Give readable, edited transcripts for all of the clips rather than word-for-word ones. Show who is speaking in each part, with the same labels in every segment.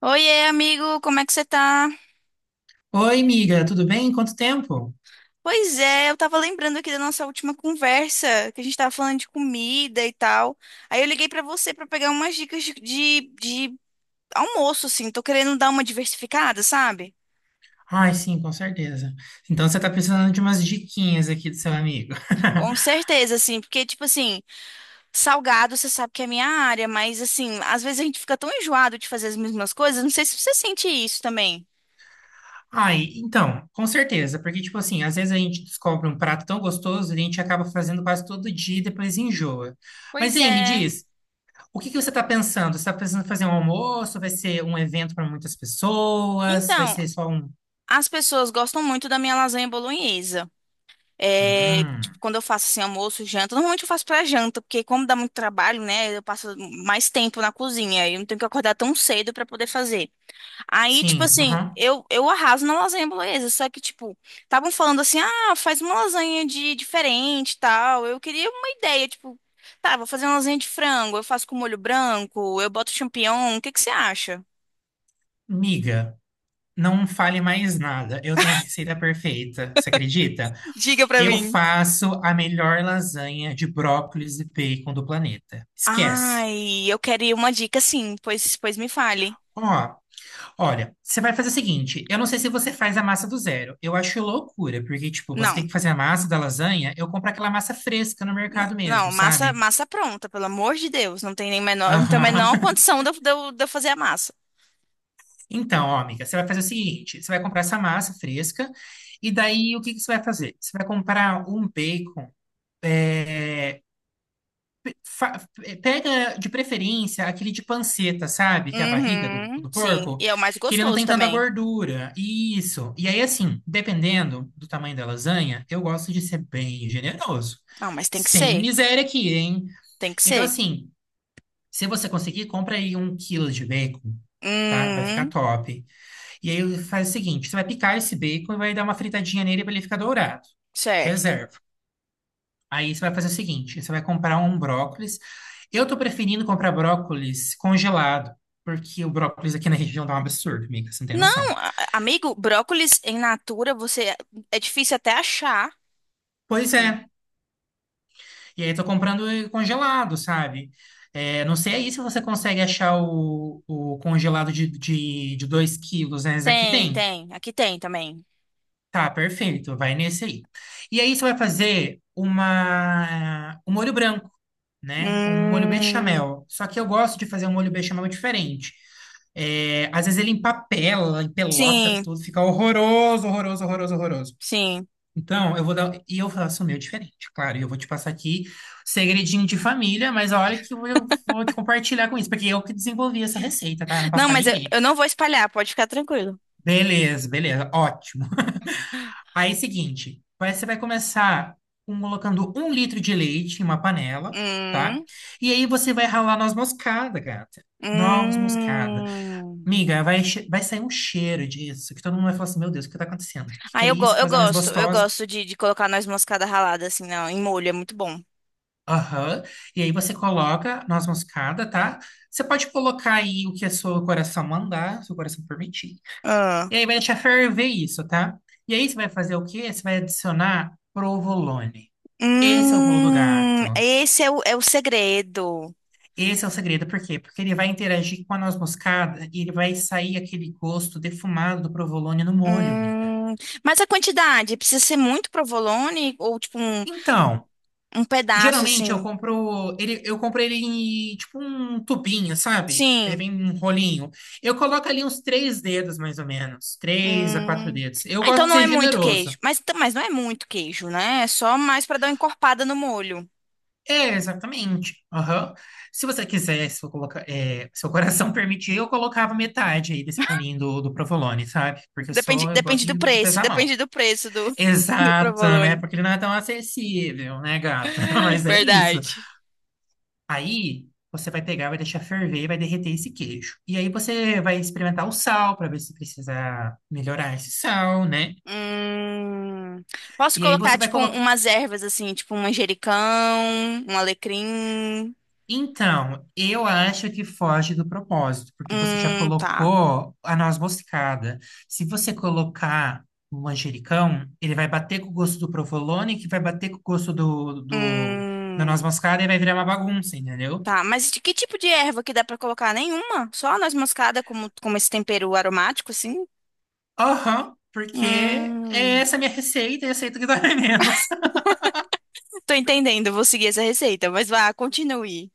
Speaker 1: Oiê, amigo, como é que você tá?
Speaker 2: Oi, amiga, tudo bem? Quanto tempo?
Speaker 1: Pois é, eu tava lembrando aqui da nossa última conversa, que a gente tava falando de comida e tal. Aí eu liguei pra você pra pegar umas dicas de almoço, assim. Tô querendo dar uma diversificada, sabe?
Speaker 2: Ai, sim, com certeza. Então você tá precisando de umas diquinhas aqui do seu amigo.
Speaker 1: Com certeza, assim, porque, tipo assim, salgado você sabe que é minha área, mas, assim, às vezes a gente fica tão enjoado de fazer as mesmas coisas. Não sei se você sente isso também.
Speaker 2: Ai, então, com certeza, porque tipo assim, às vezes a gente descobre um prato tão gostoso e a gente acaba fazendo quase todo dia e depois enjoa. Mas
Speaker 1: Pois
Speaker 2: aí, me
Speaker 1: é.
Speaker 2: diz, o que que você tá pensando? Você tá pensando em fazer um almoço? Vai ser um evento para muitas pessoas? Vai
Speaker 1: Então,
Speaker 2: ser só um.
Speaker 1: as pessoas gostam muito da minha lasanha bolonhesa. É, tipo,
Speaker 2: Hum,
Speaker 1: quando eu faço assim, almoço, janta, normalmente eu faço pra janta, porque como dá muito trabalho, né, eu passo mais tempo na cozinha, e eu não tenho que acordar tão cedo pra poder fazer. Aí, tipo
Speaker 2: sim,
Speaker 1: assim,
Speaker 2: aham.
Speaker 1: eu arraso na lasanha bolonhesa, só que, tipo, estavam falando assim, ah, faz uma lasanha de diferente e tal. Eu queria uma ideia, tipo, tá, vou fazer uma lasanha de frango, eu faço com molho branco, eu boto champignon, o que que você acha?
Speaker 2: Miga, não fale mais nada. Eu tenho a receita perfeita. Você acredita?
Speaker 1: Diga pra
Speaker 2: Eu
Speaker 1: mim.
Speaker 2: faço a melhor lasanha de brócolis e bacon do planeta. Esquece.
Speaker 1: Ai, eu queria uma dica sim, pois, pois me fale.
Speaker 2: Ó, olha, você vai fazer o seguinte, eu não sei se você faz a massa do zero. Eu acho loucura, porque tipo, você tem
Speaker 1: Não.
Speaker 2: que fazer a massa da lasanha, eu compro aquela massa fresca no
Speaker 1: Não,
Speaker 2: mercado mesmo,
Speaker 1: não, massa,
Speaker 2: sabe?
Speaker 1: massa pronta, pelo amor de Deus. Não tem nem menor, não tem a
Speaker 2: Aham.
Speaker 1: menor condição de eu, de eu fazer a massa.
Speaker 2: Então, ó, amiga, você vai fazer o seguinte, você vai comprar essa massa fresca e daí o que que você vai fazer? Você vai comprar um bacon eh, fa- pega de preferência aquele de panceta, sabe? Que é a barriga do,
Speaker 1: Uhum,
Speaker 2: do
Speaker 1: sim.
Speaker 2: porco,
Speaker 1: E é o mais
Speaker 2: que ele não
Speaker 1: gostoso
Speaker 2: tem tanta
Speaker 1: também.
Speaker 2: gordura. Isso. E aí, assim, dependendo do tamanho da lasanha, eu gosto de ser bem generoso.
Speaker 1: Não, mas tem que
Speaker 2: Sem
Speaker 1: ser.
Speaker 2: miséria aqui, hein?
Speaker 1: Tem que
Speaker 2: Então,
Speaker 1: ser.
Speaker 2: assim, se você conseguir, compra aí um quilo de bacon, tá? Vai ficar
Speaker 1: Hum,
Speaker 2: top. E aí faz o seguinte: você vai picar esse bacon e vai dar uma fritadinha nele para ele ficar dourado.
Speaker 1: certo.
Speaker 2: Reserva. Aí você vai fazer o seguinte: você vai comprar um brócolis. Eu tô preferindo comprar brócolis congelado, porque o brócolis aqui na região dá um absurdo, amiga, você não tem
Speaker 1: Não,
Speaker 2: noção.
Speaker 1: amigo, brócolis em natura, você é é difícil até achar.
Speaker 2: Pois
Speaker 1: Sim.
Speaker 2: é. E aí tô comprando ele congelado, sabe? É, não sei aí se você consegue achar o congelado de 2 quilos, né? Esse aqui
Speaker 1: Tem,
Speaker 2: tem.
Speaker 1: tem. Aqui tem também.
Speaker 2: Tá, perfeito. Vai nesse aí. E aí você vai fazer um molho branco. Né? Um molho
Speaker 1: Hum,
Speaker 2: bechamel. Só que eu gosto de fazer um molho bechamel diferente. É, às vezes ele empapela, empelota
Speaker 1: sim,
Speaker 2: tudo, fica horroroso, horroroso, horroroso, horroroso.
Speaker 1: sim.
Speaker 2: Então, eu vou dar. E eu faço o meu diferente, claro. E eu vou te passar aqui segredinho de família, mas a hora que eu vou te compartilhar com isso, porque eu que desenvolvi essa receita, tá? Eu não passo
Speaker 1: Não,
Speaker 2: pra
Speaker 1: mas
Speaker 2: ninguém.
Speaker 1: eu não vou espalhar, pode ficar tranquilo.
Speaker 2: Beleza, beleza, ótimo. Aí, é o seguinte, você vai começar colocando um litro de leite em uma panela, tá?
Speaker 1: Hum,
Speaker 2: E aí você vai ralar noz moscada, gata. Noz moscada.
Speaker 1: hum.
Speaker 2: Miga, vai, vai sair um cheiro disso, que todo mundo vai falar assim, meu Deus, o que tá acontecendo? O que
Speaker 1: Ah,
Speaker 2: que é
Speaker 1: eu, go
Speaker 2: isso? Que coisa mais
Speaker 1: eu
Speaker 2: gostosa.
Speaker 1: gosto de colocar noz moscada ralada, assim, não, em molho, é muito bom.
Speaker 2: Aham. E aí você coloca noz moscada, tá? Você pode colocar aí o que o seu coração mandar, seu coração permitir.
Speaker 1: Ah.
Speaker 2: E aí vai deixar ferver isso, tá? E aí você vai fazer o quê? Você vai adicionar provolone. Esse é o pulo do gato.
Speaker 1: Esse é o segredo.
Speaker 2: Esse é o segredo, por quê? Porque ele vai interagir com a noz moscada e ele vai sair aquele gosto defumado do provolone no molho, amiga.
Speaker 1: Hum, mas a quantidade, precisa ser muito provolone ou tipo
Speaker 2: Então,
Speaker 1: um pedaço,
Speaker 2: geralmente
Speaker 1: assim?
Speaker 2: eu compro ele em tipo um tubinho, sabe? Ele
Speaker 1: Sim.
Speaker 2: vem em um rolinho. Eu coloco ali uns três dedos, mais ou menos. Três a quatro
Speaker 1: Hum.
Speaker 2: dedos. Eu
Speaker 1: Ah, então
Speaker 2: gosto de
Speaker 1: não é
Speaker 2: ser
Speaker 1: muito
Speaker 2: generoso.
Speaker 1: queijo. Mas não é muito queijo, né? É só mais pra dar uma encorpada no molho.
Speaker 2: É, exatamente. Aham. Se você quiser, se eu colocar, é, seu coração permitir, eu colocava metade aí desse rolinho do provolone, sabe? Porque eu
Speaker 1: Depende,
Speaker 2: sou, eu gosto de pesar a mão.
Speaker 1: depende do preço do, do
Speaker 2: Exato, né?
Speaker 1: provolone.
Speaker 2: Porque ele não é tão acessível, né, gata? Mas é isso.
Speaker 1: Verdade.
Speaker 2: Aí você vai pegar, vai deixar ferver, e vai derreter esse queijo. E aí você vai experimentar o sal para ver se precisa melhorar esse sal, né?
Speaker 1: Hum, posso
Speaker 2: E aí
Speaker 1: colocar,
Speaker 2: você vai
Speaker 1: tipo, um,
Speaker 2: colocar.
Speaker 1: umas ervas, assim, tipo um manjericão, um alecrim.
Speaker 2: Então, eu acho que foge do propósito, porque você já
Speaker 1: Tá.
Speaker 2: colocou a noz moscada. Se você colocar o manjericão, ele vai bater com o gosto do provolone, que vai bater com o gosto da noz
Speaker 1: Hum,
Speaker 2: moscada e vai virar uma bagunça, entendeu?
Speaker 1: tá. Mas de que tipo de erva que dá pra colocar? Nenhuma? Só a noz moscada como, como esse tempero aromático, assim?
Speaker 2: Aham, porque é
Speaker 1: Hum,
Speaker 2: essa é a minha receita e aceito que dói menos.
Speaker 1: tô entendendo, vou seguir essa receita, mas vá, continue.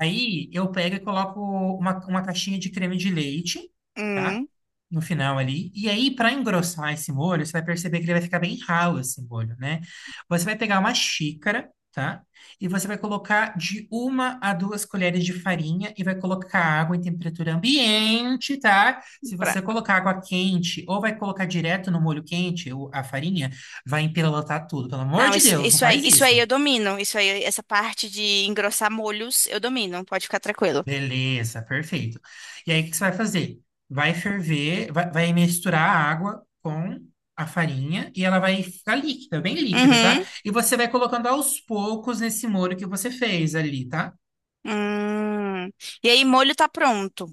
Speaker 2: Aí eu pego e coloco uma caixinha de creme de leite, tá?
Speaker 1: Hum,
Speaker 2: No final ali. E aí, para engrossar esse molho, você vai perceber que ele vai ficar bem ralo esse molho, né? Você vai pegar uma xícara, tá? E você vai colocar de uma a duas colheres de farinha e vai colocar água em temperatura ambiente, tá? Se
Speaker 1: pra...
Speaker 2: você colocar água quente ou vai colocar direto no molho quente, a farinha, vai empelotar tudo. Pelo amor
Speaker 1: Não,
Speaker 2: de
Speaker 1: isso,
Speaker 2: Deus, não faz
Speaker 1: isso aí
Speaker 2: isso.
Speaker 1: eu domino. Isso aí, essa parte de engrossar molhos, eu domino. Pode ficar tranquilo.
Speaker 2: Beleza, perfeito. E aí, o que você vai fazer? Vai ferver, vai, misturar a água com a farinha e ela vai ficar líquida, bem líquida, tá?
Speaker 1: Uhum.
Speaker 2: E você vai colocando aos poucos nesse molho que você fez ali, tá?
Speaker 1: Hum. E aí, molho tá pronto.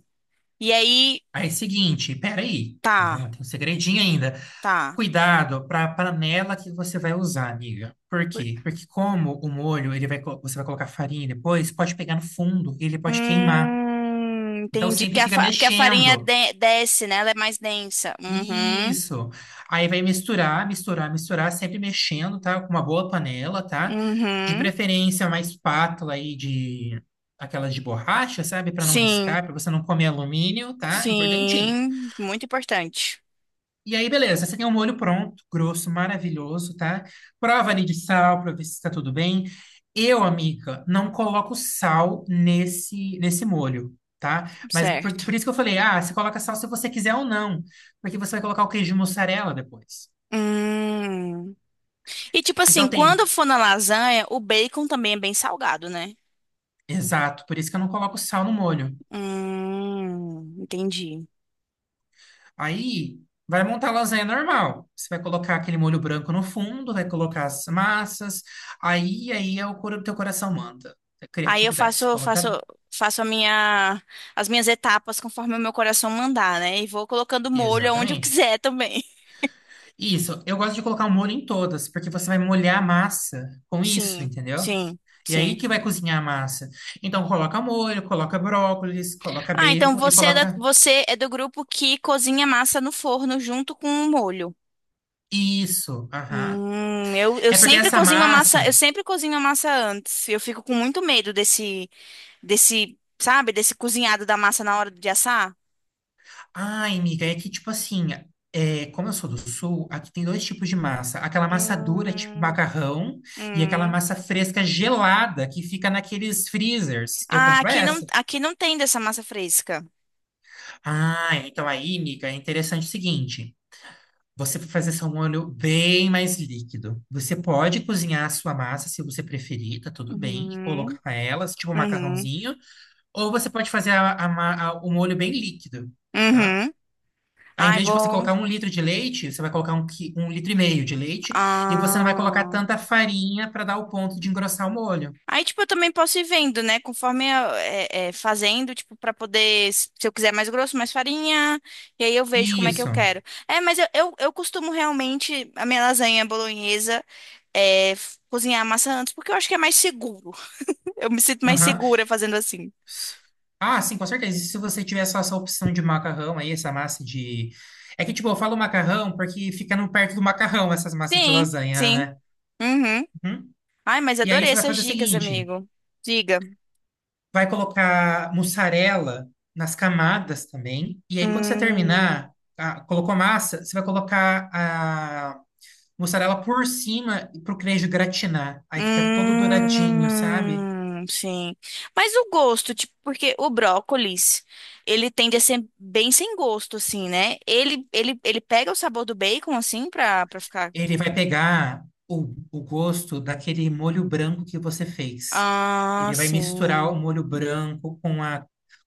Speaker 1: E aí,
Speaker 2: Aí, seguinte, peraí,
Speaker 1: tá,
Speaker 2: calma, tem um segredinho ainda.
Speaker 1: tá.
Speaker 2: Cuidado para a panela que você vai usar, amiga. Por
Speaker 1: Por-
Speaker 2: quê? Porque como o molho, ele vai, você vai colocar farinha depois, pode pegar no fundo, ele pode queimar. Então
Speaker 1: Entendi. Porque
Speaker 2: sempre
Speaker 1: a,
Speaker 2: fica
Speaker 1: porque a farinha
Speaker 2: mexendo.
Speaker 1: desce, né? Ela é mais densa. Uhum,
Speaker 2: Isso. Aí vai misturar, misturar, misturar, sempre mexendo, tá? Com uma boa panela, tá? De
Speaker 1: uhum.
Speaker 2: preferência, uma espátula aí de aquelas de borracha, sabe? Para não
Speaker 1: Sim,
Speaker 2: riscar, para você não comer alumínio, tá? Importantinho.
Speaker 1: sim. Muito importante.
Speaker 2: E aí, beleza, você tem um molho pronto, grosso, maravilhoso, tá? Prova ali de sal pra ver se tá tudo bem. Eu, amiga, não coloco sal nesse molho, tá? Mas por,
Speaker 1: Certo.
Speaker 2: por isso que eu falei, ah, você coloca sal se você quiser ou não, porque você vai colocar o queijo mussarela depois.
Speaker 1: Hum. E tipo
Speaker 2: Então
Speaker 1: assim, quando
Speaker 2: tem,
Speaker 1: for na lasanha, o bacon também é bem salgado, né?
Speaker 2: exato, por isso que eu não coloco sal no molho.
Speaker 1: Entendi.
Speaker 2: Aí vai montar a lasanha normal. Você vai colocar aquele molho branco no fundo, vai colocar as massas, aí aí é o teu coração manda. É
Speaker 1: Aí eu
Speaker 2: criatividade, você
Speaker 1: faço,
Speaker 2: coloca
Speaker 1: faço, faço a minha, as minhas etapas conforme o meu coração mandar, né? E vou colocando molho aonde eu
Speaker 2: exatamente.
Speaker 1: quiser também.
Speaker 2: Isso, eu gosto de colocar o molho em todas, porque você vai molhar a massa com isso,
Speaker 1: Sim,
Speaker 2: entendeu?
Speaker 1: sim,
Speaker 2: E aí
Speaker 1: sim.
Speaker 2: que vai cozinhar a massa. Então coloca molho, coloca brócolis, coloca
Speaker 1: Ah, então
Speaker 2: bacon e coloca
Speaker 1: você é do grupo que cozinha massa no forno junto com o molho.
Speaker 2: isso. Aham.
Speaker 1: Eu
Speaker 2: É porque
Speaker 1: sempre
Speaker 2: essa
Speaker 1: cozinho a massa,
Speaker 2: massa.
Speaker 1: eu sempre cozinho a massa antes. Eu fico com muito medo desse, desse, sabe, desse cozinhado da massa na hora de assar.
Speaker 2: Ai, amiga, é que tipo assim, é, como eu sou do sul, aqui tem dois tipos de massa. Aquela massa dura, tipo
Speaker 1: Hum,
Speaker 2: macarrão, e aquela
Speaker 1: hum.
Speaker 2: massa fresca gelada que fica naqueles freezers. Eu
Speaker 1: Ah,
Speaker 2: compro essa.
Speaker 1: aqui não tem dessa massa fresca.
Speaker 2: Ah, então aí, amiga, é interessante o seguinte. Você vai fazer só um molho bem mais líquido. Você pode cozinhar a sua massa se você preferir, tá tudo bem, e
Speaker 1: Uhum,
Speaker 2: colocar ela, tipo um
Speaker 1: uhum,
Speaker 2: macarrãozinho, ou você pode fazer o molho bem líquido, tá?
Speaker 1: uhum.
Speaker 2: Aí, em
Speaker 1: Ai,
Speaker 2: vez de você
Speaker 1: vou.
Speaker 2: colocar um litro de leite, você vai colocar um, um litro e meio de leite, e você não vai colocar
Speaker 1: Ah.
Speaker 2: tanta farinha para dar o ponto de engrossar o molho.
Speaker 1: Aí, tipo, eu também posso ir vendo, né? Conforme eu, fazendo, tipo, pra poder, se eu quiser mais grosso, mais farinha, e aí eu vejo como é que eu
Speaker 2: Isso.
Speaker 1: quero. É, mas eu costumo realmente, a minha lasanha bolonhesa, cozinhar a massa antes, porque eu acho que é mais seguro. Eu me sinto mais
Speaker 2: Aham,
Speaker 1: segura fazendo assim.
Speaker 2: S- ah, sim, com certeza. E se você tiver só essa opção de macarrão aí, essa massa de. É que, tipo, eu falo macarrão porque fica no perto do macarrão essas massas de
Speaker 1: Sim,
Speaker 2: lasanha,
Speaker 1: sim.
Speaker 2: né?
Speaker 1: Uhum.
Speaker 2: Uhum.
Speaker 1: Ai, mas
Speaker 2: E aí
Speaker 1: adorei
Speaker 2: você vai
Speaker 1: essas
Speaker 2: fazer o
Speaker 1: dicas,
Speaker 2: seguinte:
Speaker 1: amigo. Diga.
Speaker 2: vai colocar mussarela nas camadas também. E aí, quando você
Speaker 1: Hum.
Speaker 2: terminar, ah, colocou massa, você vai colocar a mussarela por cima para o queijo gratinar. Aí fica todo douradinho, sabe?
Speaker 1: Sim. Mas o gosto, tipo, porque o brócolis, ele tende a ser bem sem gosto, assim, né? Ele pega o sabor do bacon, assim, pra, pra ficar.
Speaker 2: Ele vai pegar o gosto daquele molho branco que você fez.
Speaker 1: Ah,
Speaker 2: Ele vai misturar o
Speaker 1: sim.
Speaker 2: molho branco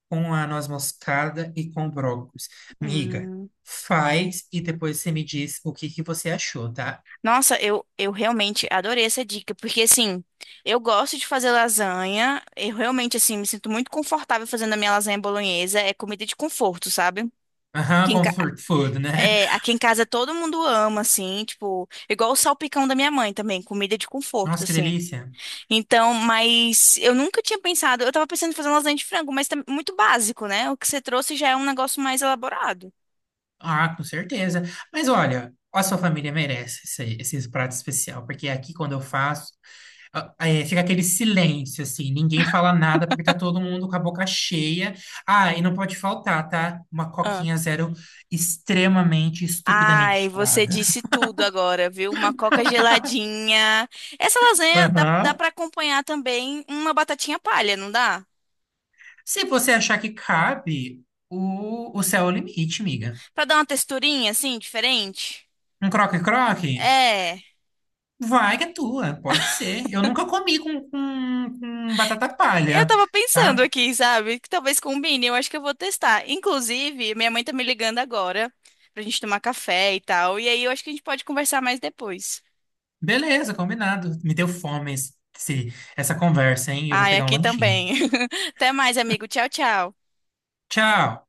Speaker 2: com a noz moscada e com o brócolis. Miga,
Speaker 1: Hum.
Speaker 2: faz e depois você me diz o que que você achou, tá?
Speaker 1: Nossa, eu realmente adorei essa dica, porque assim, eu gosto de fazer lasanha, eu realmente assim me sinto muito confortável fazendo a minha lasanha bolonhesa, é comida de conforto, sabe?
Speaker 2: Aham,
Speaker 1: Que
Speaker 2: com comfort food, né?
Speaker 1: É, aqui em casa todo mundo ama, assim, tipo, igual o salpicão da minha mãe também, comida de conforto,
Speaker 2: Nossa, que
Speaker 1: assim.
Speaker 2: delícia.
Speaker 1: Então, mas eu nunca tinha pensado, eu tava pensando em fazer uma lasanha de frango, mas tá muito básico, né? O que você trouxe já é um negócio mais elaborado.
Speaker 2: Ah, com certeza. Mas olha, a sua família merece esses pratos especial, porque é aqui quando eu faço, ah, é, fica aquele silêncio, assim, ninguém fala nada, porque tá todo mundo com a boca cheia. Ah, e não pode faltar, tá? Uma
Speaker 1: Ah.
Speaker 2: coquinha zero extremamente,
Speaker 1: Ai,
Speaker 2: estupidamente
Speaker 1: você
Speaker 2: gelada.
Speaker 1: disse tudo agora, viu? Uma coca geladinha. Essa lasanha dá, dá
Speaker 2: Aham.
Speaker 1: para acompanhar também uma batatinha palha, não dá?
Speaker 2: Se você achar que cabe, o céu é o limite, miga.
Speaker 1: Pra dar uma texturinha, assim, diferente.
Speaker 2: Um croque-croque?
Speaker 1: É.
Speaker 2: Vai que é tua, pode ser. Eu nunca comi com, com batata
Speaker 1: Eu
Speaker 2: palha.
Speaker 1: tava pensando
Speaker 2: Tá?
Speaker 1: aqui, sabe? Que talvez combine, eu acho que eu vou testar. Inclusive, minha mãe tá me ligando agora pra gente tomar café e tal. E aí eu acho que a gente pode conversar mais depois.
Speaker 2: Beleza, combinado. Me deu fome essa conversa, hein? Eu vou
Speaker 1: Ai,
Speaker 2: pegar um
Speaker 1: aqui
Speaker 2: lanchinho.
Speaker 1: também. Até mais, amigo. Tchau, tchau.
Speaker 2: Tchau!